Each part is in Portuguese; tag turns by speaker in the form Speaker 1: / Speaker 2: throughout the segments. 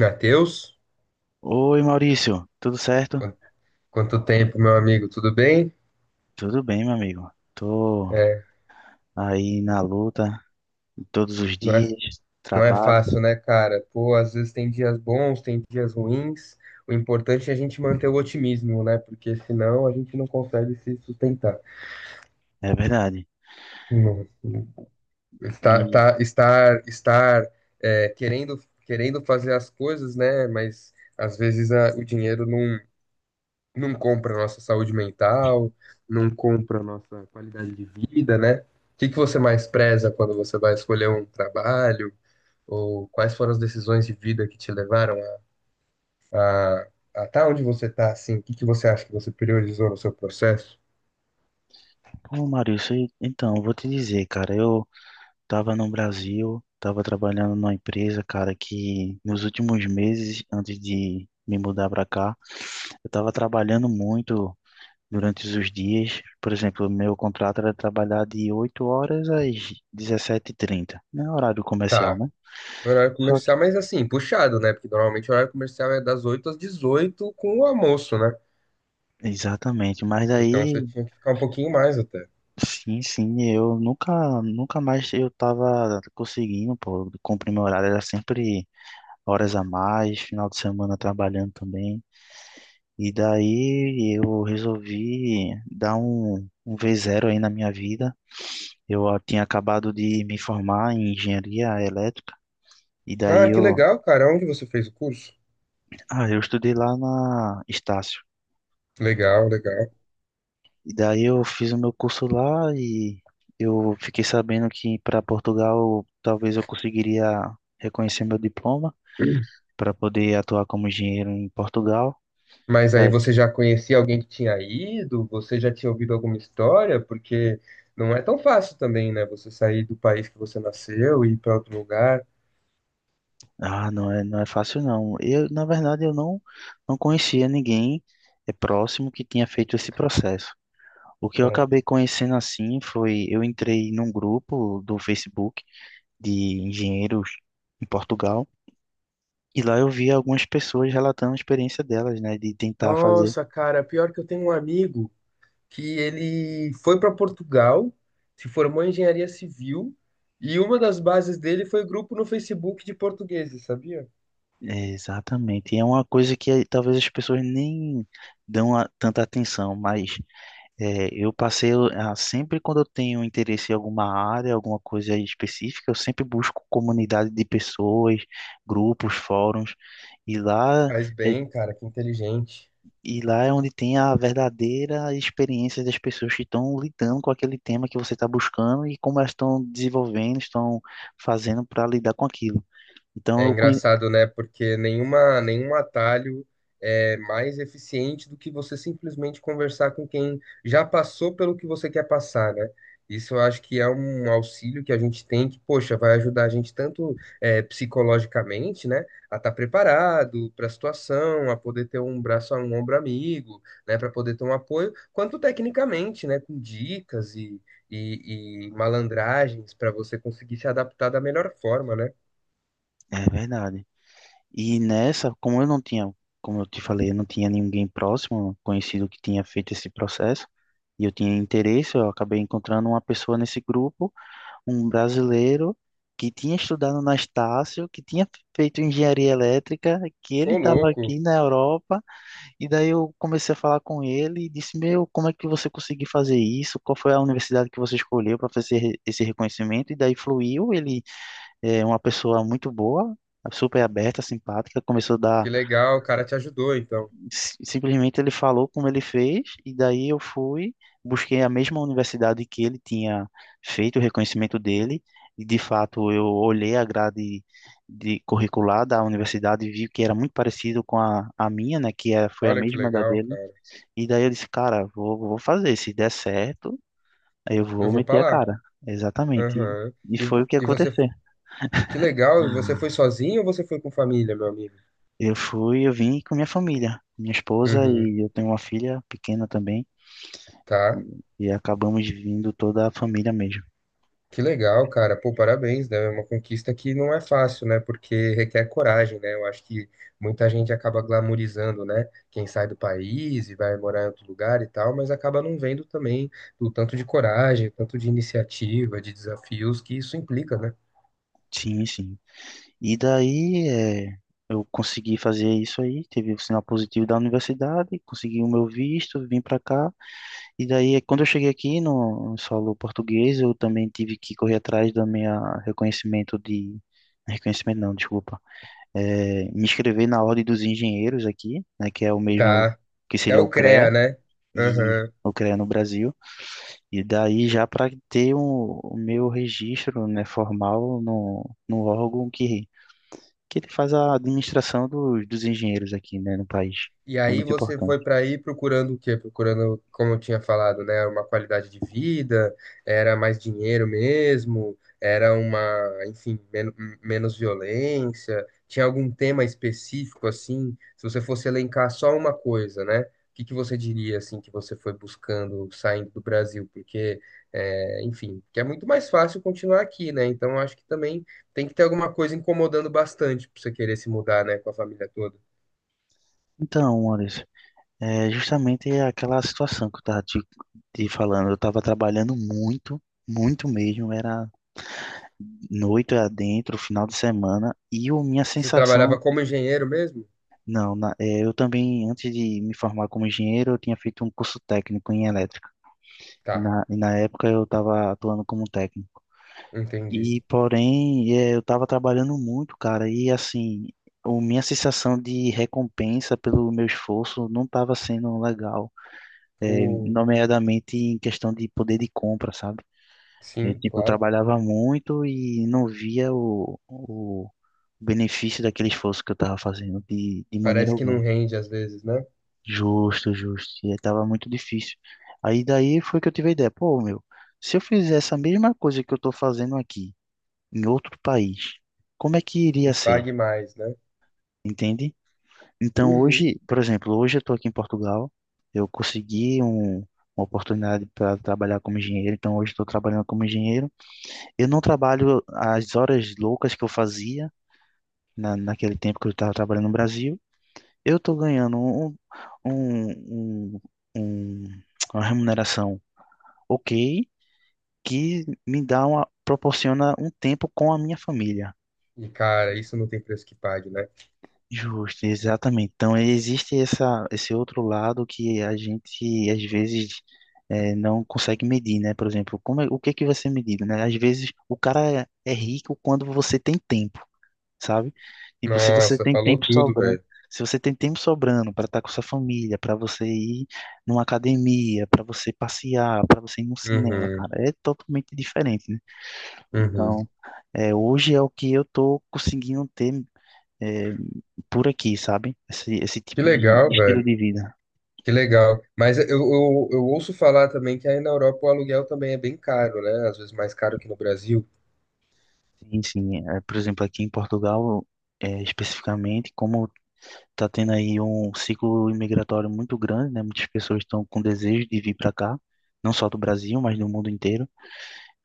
Speaker 1: Matheus,
Speaker 2: Oi, Maurício, tudo certo?
Speaker 1: quan- quanto tempo, meu amigo, tudo bem?
Speaker 2: Tudo bem, meu amigo. Tô
Speaker 1: É,
Speaker 2: aí na luta todos os
Speaker 1: não é,
Speaker 2: dias,
Speaker 1: não é
Speaker 2: trabalho,
Speaker 1: fácil, né, cara? Pô, às vezes tem dias bons, tem dias ruins. O importante é a gente manter o otimismo, né? Porque senão a gente não consegue se sustentar.
Speaker 2: é verdade.
Speaker 1: Não- não-
Speaker 2: E,
Speaker 1: estar, é, querendo, querendo fazer as coisas, né? Mas às vezes o dinheiro não não compra a nossa saúde mental, não compra a nossa qualidade de vida, né? O que que você mais preza quando você vai escolher um trabalho? Ou quais foram as decisões de vida que te levaram a, a tá onde você tá, assim? O que que você acha que você priorizou no seu processo?
Speaker 2: pô, Maurício, então, eu vou te dizer, cara, eu tava no Brasil, tava trabalhando numa empresa, cara, que nos últimos meses, antes de me mudar pra cá, eu tava trabalhando muito durante os dias. Por exemplo, meu contrato era trabalhar de 8 horas às 17h30, né? Horário comercial,
Speaker 1: Tá,
Speaker 2: né?
Speaker 1: horário
Speaker 2: Só
Speaker 1: comercial, mas assim, puxado, né? Porque normalmente o horário comercial é das 8 às 18 com o almoço, né?
Speaker 2: exatamente, mas
Speaker 1: Então você
Speaker 2: aí,
Speaker 1: tinha que ficar um pouquinho mais até.
Speaker 2: sim, sim, eu nunca, nunca mais eu tava conseguindo, pô, cumprir meu horário, era sempre horas a mais, final de semana trabalhando também, e daí eu resolvi dar um V0 aí na minha vida, eu tinha acabado de me formar em engenharia elétrica, e
Speaker 1: Ah,
Speaker 2: daí
Speaker 1: que
Speaker 2: eu,
Speaker 1: legal, cara. Onde você fez o curso?
Speaker 2: ah, eu estudei lá na Estácio.
Speaker 1: Legal, legal.
Speaker 2: E daí eu fiz o meu curso lá e eu fiquei sabendo que para Portugal talvez eu conseguiria reconhecer meu diploma para poder atuar como engenheiro em Portugal.
Speaker 1: Mas aí
Speaker 2: Daí-
Speaker 1: você já conhecia alguém que tinha ido? Você já tinha ouvido alguma história? Porque não é tão fácil também, né? Você sair do país que você nasceu e ir para outro lugar.
Speaker 2: Ah, não é, não é fácil não. Na verdade, eu não conhecia ninguém é próximo que tinha feito esse processo. O que eu
Speaker 1: Certo.
Speaker 2: acabei conhecendo assim foi eu entrei num grupo do Facebook de engenheiros em Portugal e lá eu vi algumas pessoas relatando a experiência delas, né, de tentar fazer.
Speaker 1: Nossa, cara, pior que eu tenho um amigo que ele foi para Portugal, se formou em engenharia civil e uma das bases dele foi grupo no Facebook de portugueses, sabia?
Speaker 2: É, exatamente. E é uma coisa que talvez as pessoas nem tanta atenção, mas sempre quando eu tenho interesse em alguma área, alguma coisa específica, eu sempre busco comunidade de pessoas, grupos, fóruns, e lá,
Speaker 1: Faz
Speaker 2: é-
Speaker 1: bem, cara, que inteligente.
Speaker 2: e lá é onde tem a verdadeira experiência das pessoas que estão lidando com aquele tema que você está buscando e como elas estão desenvolvendo, estão fazendo para lidar com aquilo. Então
Speaker 1: É
Speaker 2: eu conhe...
Speaker 1: engraçado, né? Porque nenhum atalho é mais eficiente do que você simplesmente conversar com quem já passou pelo que você quer passar, né? Isso eu acho que é um auxílio que a gente tem que, poxa, vai ajudar a gente tanto psicologicamente, né? A estar preparado para a situação, a poder ter um braço, um ombro amigo, né? Para poder ter um apoio, quanto tecnicamente, né? Com dicas e malandragens para você conseguir se adaptar da melhor forma, né?
Speaker 2: É verdade. E nessa, como eu não tinha, como eu te falei, eu não tinha ninguém próximo, conhecido que tinha feito esse processo, e eu tinha interesse, eu acabei encontrando uma pessoa nesse grupo, um brasileiro que tinha estudado na Estácio, que tinha feito engenharia elétrica, que ele
Speaker 1: Ô,
Speaker 2: estava
Speaker 1: louco.
Speaker 2: aqui na Europa, e daí eu comecei a falar com ele e disse: Meu, como é que você conseguiu fazer isso? Qual foi a universidade que você escolheu para fazer esse reconhecimento? E daí fluiu, ele é uma pessoa muito boa, super aberta, simpática. Começou a dar.
Speaker 1: Que legal, o cara te ajudou, então.
Speaker 2: Simplesmente ele falou como ele fez, e daí eu fui, busquei a mesma universidade que ele tinha feito o reconhecimento dele, e de fato eu olhei a grade de curricular da universidade e vi que era muito parecido com a minha, né, que é, foi a
Speaker 1: Olha que
Speaker 2: mesma da
Speaker 1: legal,
Speaker 2: dele.
Speaker 1: cara.
Speaker 2: E daí eu disse, cara, vou fazer, se der certo, eu
Speaker 1: Eu
Speaker 2: vou
Speaker 1: vou
Speaker 2: meter
Speaker 1: pra
Speaker 2: a
Speaker 1: lá.
Speaker 2: cara. Exatamente.
Speaker 1: Aham.
Speaker 2: E
Speaker 1: E,
Speaker 2: foi o que
Speaker 1: você,
Speaker 2: aconteceu.
Speaker 1: que legal, você foi sozinho ou você foi com família, meu amigo?
Speaker 2: Eu fui, eu vim com minha família, minha esposa
Speaker 1: Uhum,
Speaker 2: e eu tenho uma filha pequena também,
Speaker 1: tá.
Speaker 2: e acabamos vindo toda a família mesmo.
Speaker 1: Que legal, cara. Pô, parabéns, né? É uma conquista que não é fácil, né? Porque requer coragem, né? Eu acho que muita gente acaba glamorizando, né? Quem sai do país e vai morar em outro lugar e tal, mas acaba não vendo também o tanto de coragem, o tanto de iniciativa, de desafios que isso implica, né?
Speaker 2: Sim, sim. E daí é, eu consegui fazer isso aí, teve o sinal positivo da universidade, consegui o meu visto, vim para cá. E daí, é, quando eu cheguei aqui no solo português, eu também tive que correr atrás do meu reconhecimento de... Reconhecimento não, desculpa. É, me inscrever na Ordem dos Engenheiros aqui, né, que é o mesmo
Speaker 1: Tá.
Speaker 2: que
Speaker 1: É
Speaker 2: seria o
Speaker 1: o CREA,
Speaker 2: CREA.
Speaker 1: né?
Speaker 2: E
Speaker 1: Aham.
Speaker 2: eu criei no Brasil. E daí já para ter o meu registro, né, formal no órgão que ele faz a administração dos engenheiros aqui, né, no país.
Speaker 1: E
Speaker 2: É
Speaker 1: aí
Speaker 2: muito
Speaker 1: você
Speaker 2: importante.
Speaker 1: foi para aí procurando o quê? Procurando, como eu tinha falado, né, uma qualidade de vida, era mais dinheiro mesmo, enfim, menos violência. Tinha algum tema específico assim? Se você fosse elencar só uma coisa, né? O que que você diria assim que você foi buscando saindo do Brasil? Porque, é, enfim, que é muito mais fácil continuar aqui, né? Então eu acho que também tem que ter alguma coisa incomodando bastante para você querer se mudar, né, com a família toda.
Speaker 2: Então, Anderson, é justamente aquela situação que eu estava te falando. Eu estava trabalhando muito, muito mesmo. Era noite adentro, final de semana, e a minha
Speaker 1: Você trabalhava
Speaker 2: sensação.
Speaker 1: como engenheiro mesmo?
Speaker 2: Não, na- é, eu também, antes de me formar como engenheiro, eu tinha feito um curso técnico em elétrica.
Speaker 1: Tá,
Speaker 2: E na época eu estava atuando como técnico.
Speaker 1: entendi.
Speaker 2: E, porém, é, eu estava trabalhando muito, cara, e assim, minha sensação de recompensa pelo meu esforço não estava sendo legal, é,
Speaker 1: O...
Speaker 2: nomeadamente em questão de poder de compra, sabe? Eu,
Speaker 1: Sim,
Speaker 2: tipo, eu
Speaker 1: claro.
Speaker 2: trabalhava muito e não via o benefício daquele esforço que eu estava fazendo de maneira
Speaker 1: Parece que não
Speaker 2: alguma.
Speaker 1: rende às vezes, né?
Speaker 2: Justo, justo. E tava muito difícil. Aí daí foi que eu tive a ideia, pô, meu, se eu fizer essa mesma coisa que eu tô fazendo aqui, em outro país, como é que
Speaker 1: Que
Speaker 2: iria ser?
Speaker 1: pague mais, né?
Speaker 2: Entende? Então
Speaker 1: Uhum.
Speaker 2: hoje, por exemplo, hoje eu tô aqui em Portugal, eu consegui uma oportunidade para trabalhar como engenheiro, então hoje estou trabalhando como engenheiro. Eu não trabalho as horas loucas que eu fazia naquele tempo que eu estava trabalhando no Brasil, eu tô ganhando um, um- um- uma remuneração ok, que me dá uma, proporciona um tempo com a minha família.
Speaker 1: E, cara, isso não tem preço que pague, né?
Speaker 2: Justo, exatamente. Então, existe essa, esse outro lado que a gente, às vezes, não consegue medir, né? Por exemplo, o que é que vai ser medido, né? Às vezes, o cara é, é rico quando você tem tempo. Sabe? Tipo, se você
Speaker 1: Nossa,
Speaker 2: tem
Speaker 1: falou
Speaker 2: tempo
Speaker 1: tudo,
Speaker 2: sobrando,
Speaker 1: velho.
Speaker 2: se você tem tempo sobrando para estar com sua família, para você ir numa academia, para você passear, para você ir no cinema,
Speaker 1: Uhum,
Speaker 2: cara, é totalmente diferente, né?
Speaker 1: uhum.
Speaker 2: Então, é, hoje é o que eu tô conseguindo ter é, por aqui, sabe? Esse
Speaker 1: Que
Speaker 2: tipo
Speaker 1: legal,
Speaker 2: de estilo
Speaker 1: velho.
Speaker 2: de vida.
Speaker 1: Que legal. Mas eu ouço falar também que aí na Europa o aluguel também é bem caro, né? Às vezes mais caro que no Brasil.
Speaker 2: Sim, sim. É, por exemplo, aqui em Portugal, é, especificamente, como tá tendo aí um ciclo imigratório muito grande, né? Muitas pessoas estão com desejo de vir para cá, não só do Brasil, mas do mundo inteiro.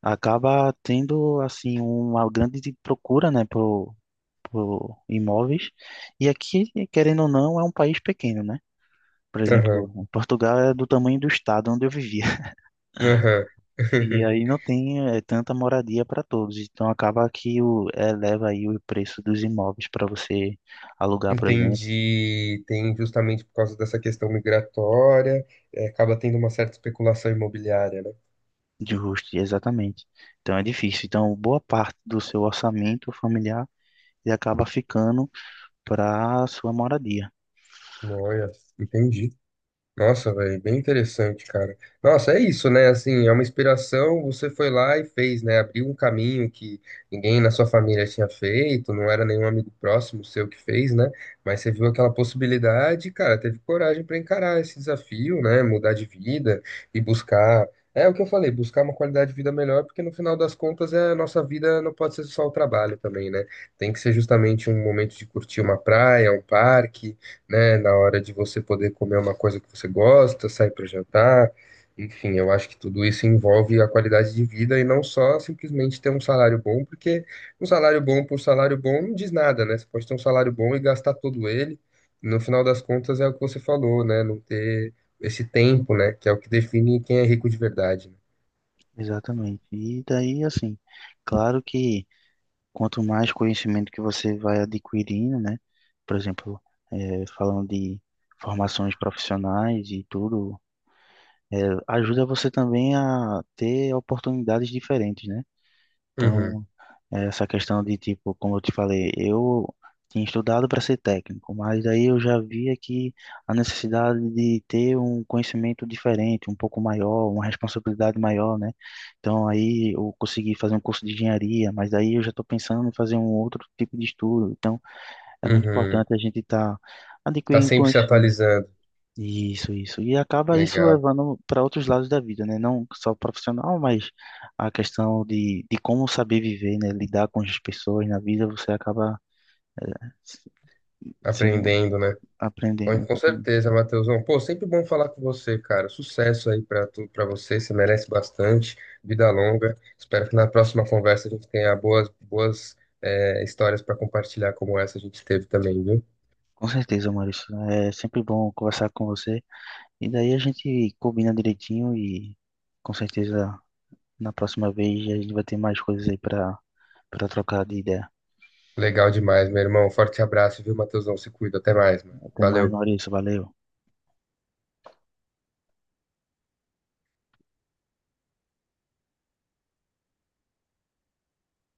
Speaker 2: Acaba tendo assim uma grande procura, né, por imóveis. E aqui, querendo ou não, é um país pequeno, né? Por
Speaker 1: Aham,
Speaker 2: exemplo, Portugal é do tamanho do estado onde eu vivia.
Speaker 1: aham.
Speaker 2: E aí não tem tanta moradia para todos. Então acaba que o, eleva aí o preço dos imóveis para você alugar, por exemplo.
Speaker 1: Entendi. Tem justamente por causa dessa questão migratória, é, acaba tendo uma certa especulação imobiliária, né?
Speaker 2: Justo, exatamente. Então é difícil. Então, boa parte do seu orçamento familiar ele acaba ficando para sua moradia.
Speaker 1: Olha, entendi. Nossa, velho, bem interessante, cara. Nossa, é isso, né? Assim, é uma inspiração. Você foi lá e fez, né? Abriu um caminho que ninguém na sua família tinha feito, não era nenhum amigo próximo seu que fez, né? Mas você viu aquela possibilidade, e, cara, teve coragem para encarar esse desafio, né? Mudar de vida e buscar. É o que eu falei, buscar uma qualidade de vida melhor, porque no final das contas é a nossa vida não pode ser só o trabalho também, né? Tem que ser justamente um momento de curtir uma praia, um parque, né? Na hora de você poder comer uma coisa que você gosta, sair para jantar. Enfim, eu acho que tudo isso envolve a qualidade de vida e não só simplesmente ter um salário bom, porque um salário bom por salário bom não diz nada, né? Você pode ter um salário bom e gastar todo ele. No final das contas, é o que você falou, né? Não ter esse tempo, né? Que é o que define quem é rico de verdade, né?
Speaker 2: Exatamente. E daí, assim, claro que quanto mais conhecimento que você vai adquirindo, né? Por exemplo, falando de formações profissionais e tudo, eh, ajuda você também a ter oportunidades diferentes, né?
Speaker 1: Uhum,
Speaker 2: Então, é, essa questão de, tipo, como eu te falei, eu tinha estudado para ser técnico, mas aí eu já via que a necessidade de ter um conhecimento diferente, um pouco maior, uma responsabilidade maior, né? Então aí eu consegui fazer um curso de engenharia, mas daí eu já estou pensando em fazer um outro tipo de estudo. Então é muito
Speaker 1: uhum.
Speaker 2: importante a gente estar
Speaker 1: Tá
Speaker 2: adquirindo
Speaker 1: sempre se
Speaker 2: conhecimento.
Speaker 1: atualizando.
Speaker 2: Isso, isso. E acaba isso
Speaker 1: Legal.
Speaker 2: levando para outros lados da vida, né? Não só o profissional, mas a questão de como saber viver, né? Lidar com as pessoas na vida, você acaba é, se- sendo,
Speaker 1: Aprendendo, né? Com
Speaker 2: aprendendo.
Speaker 1: com
Speaker 2: Exatamente.
Speaker 1: certeza, Matheusão. Pô, sempre bom falar com você, cara. Sucesso aí pra tu, para você. Você merece bastante. Vida longa. Espero que na próxima conversa a gente tenha boas histórias para compartilhar como essa a gente teve também, viu?
Speaker 2: Com certeza, Maurício. É sempre bom conversar com você. E daí a gente combina direitinho e com certeza na próxima vez a gente vai ter mais coisas aí para para trocar de ideia.
Speaker 1: Legal demais, meu irmão. Forte abraço, viu, Matheusão? Se cuida. Até mais, mano.
Speaker 2: Até mais,
Speaker 1: Valeu.
Speaker 2: Maurício. Valeu.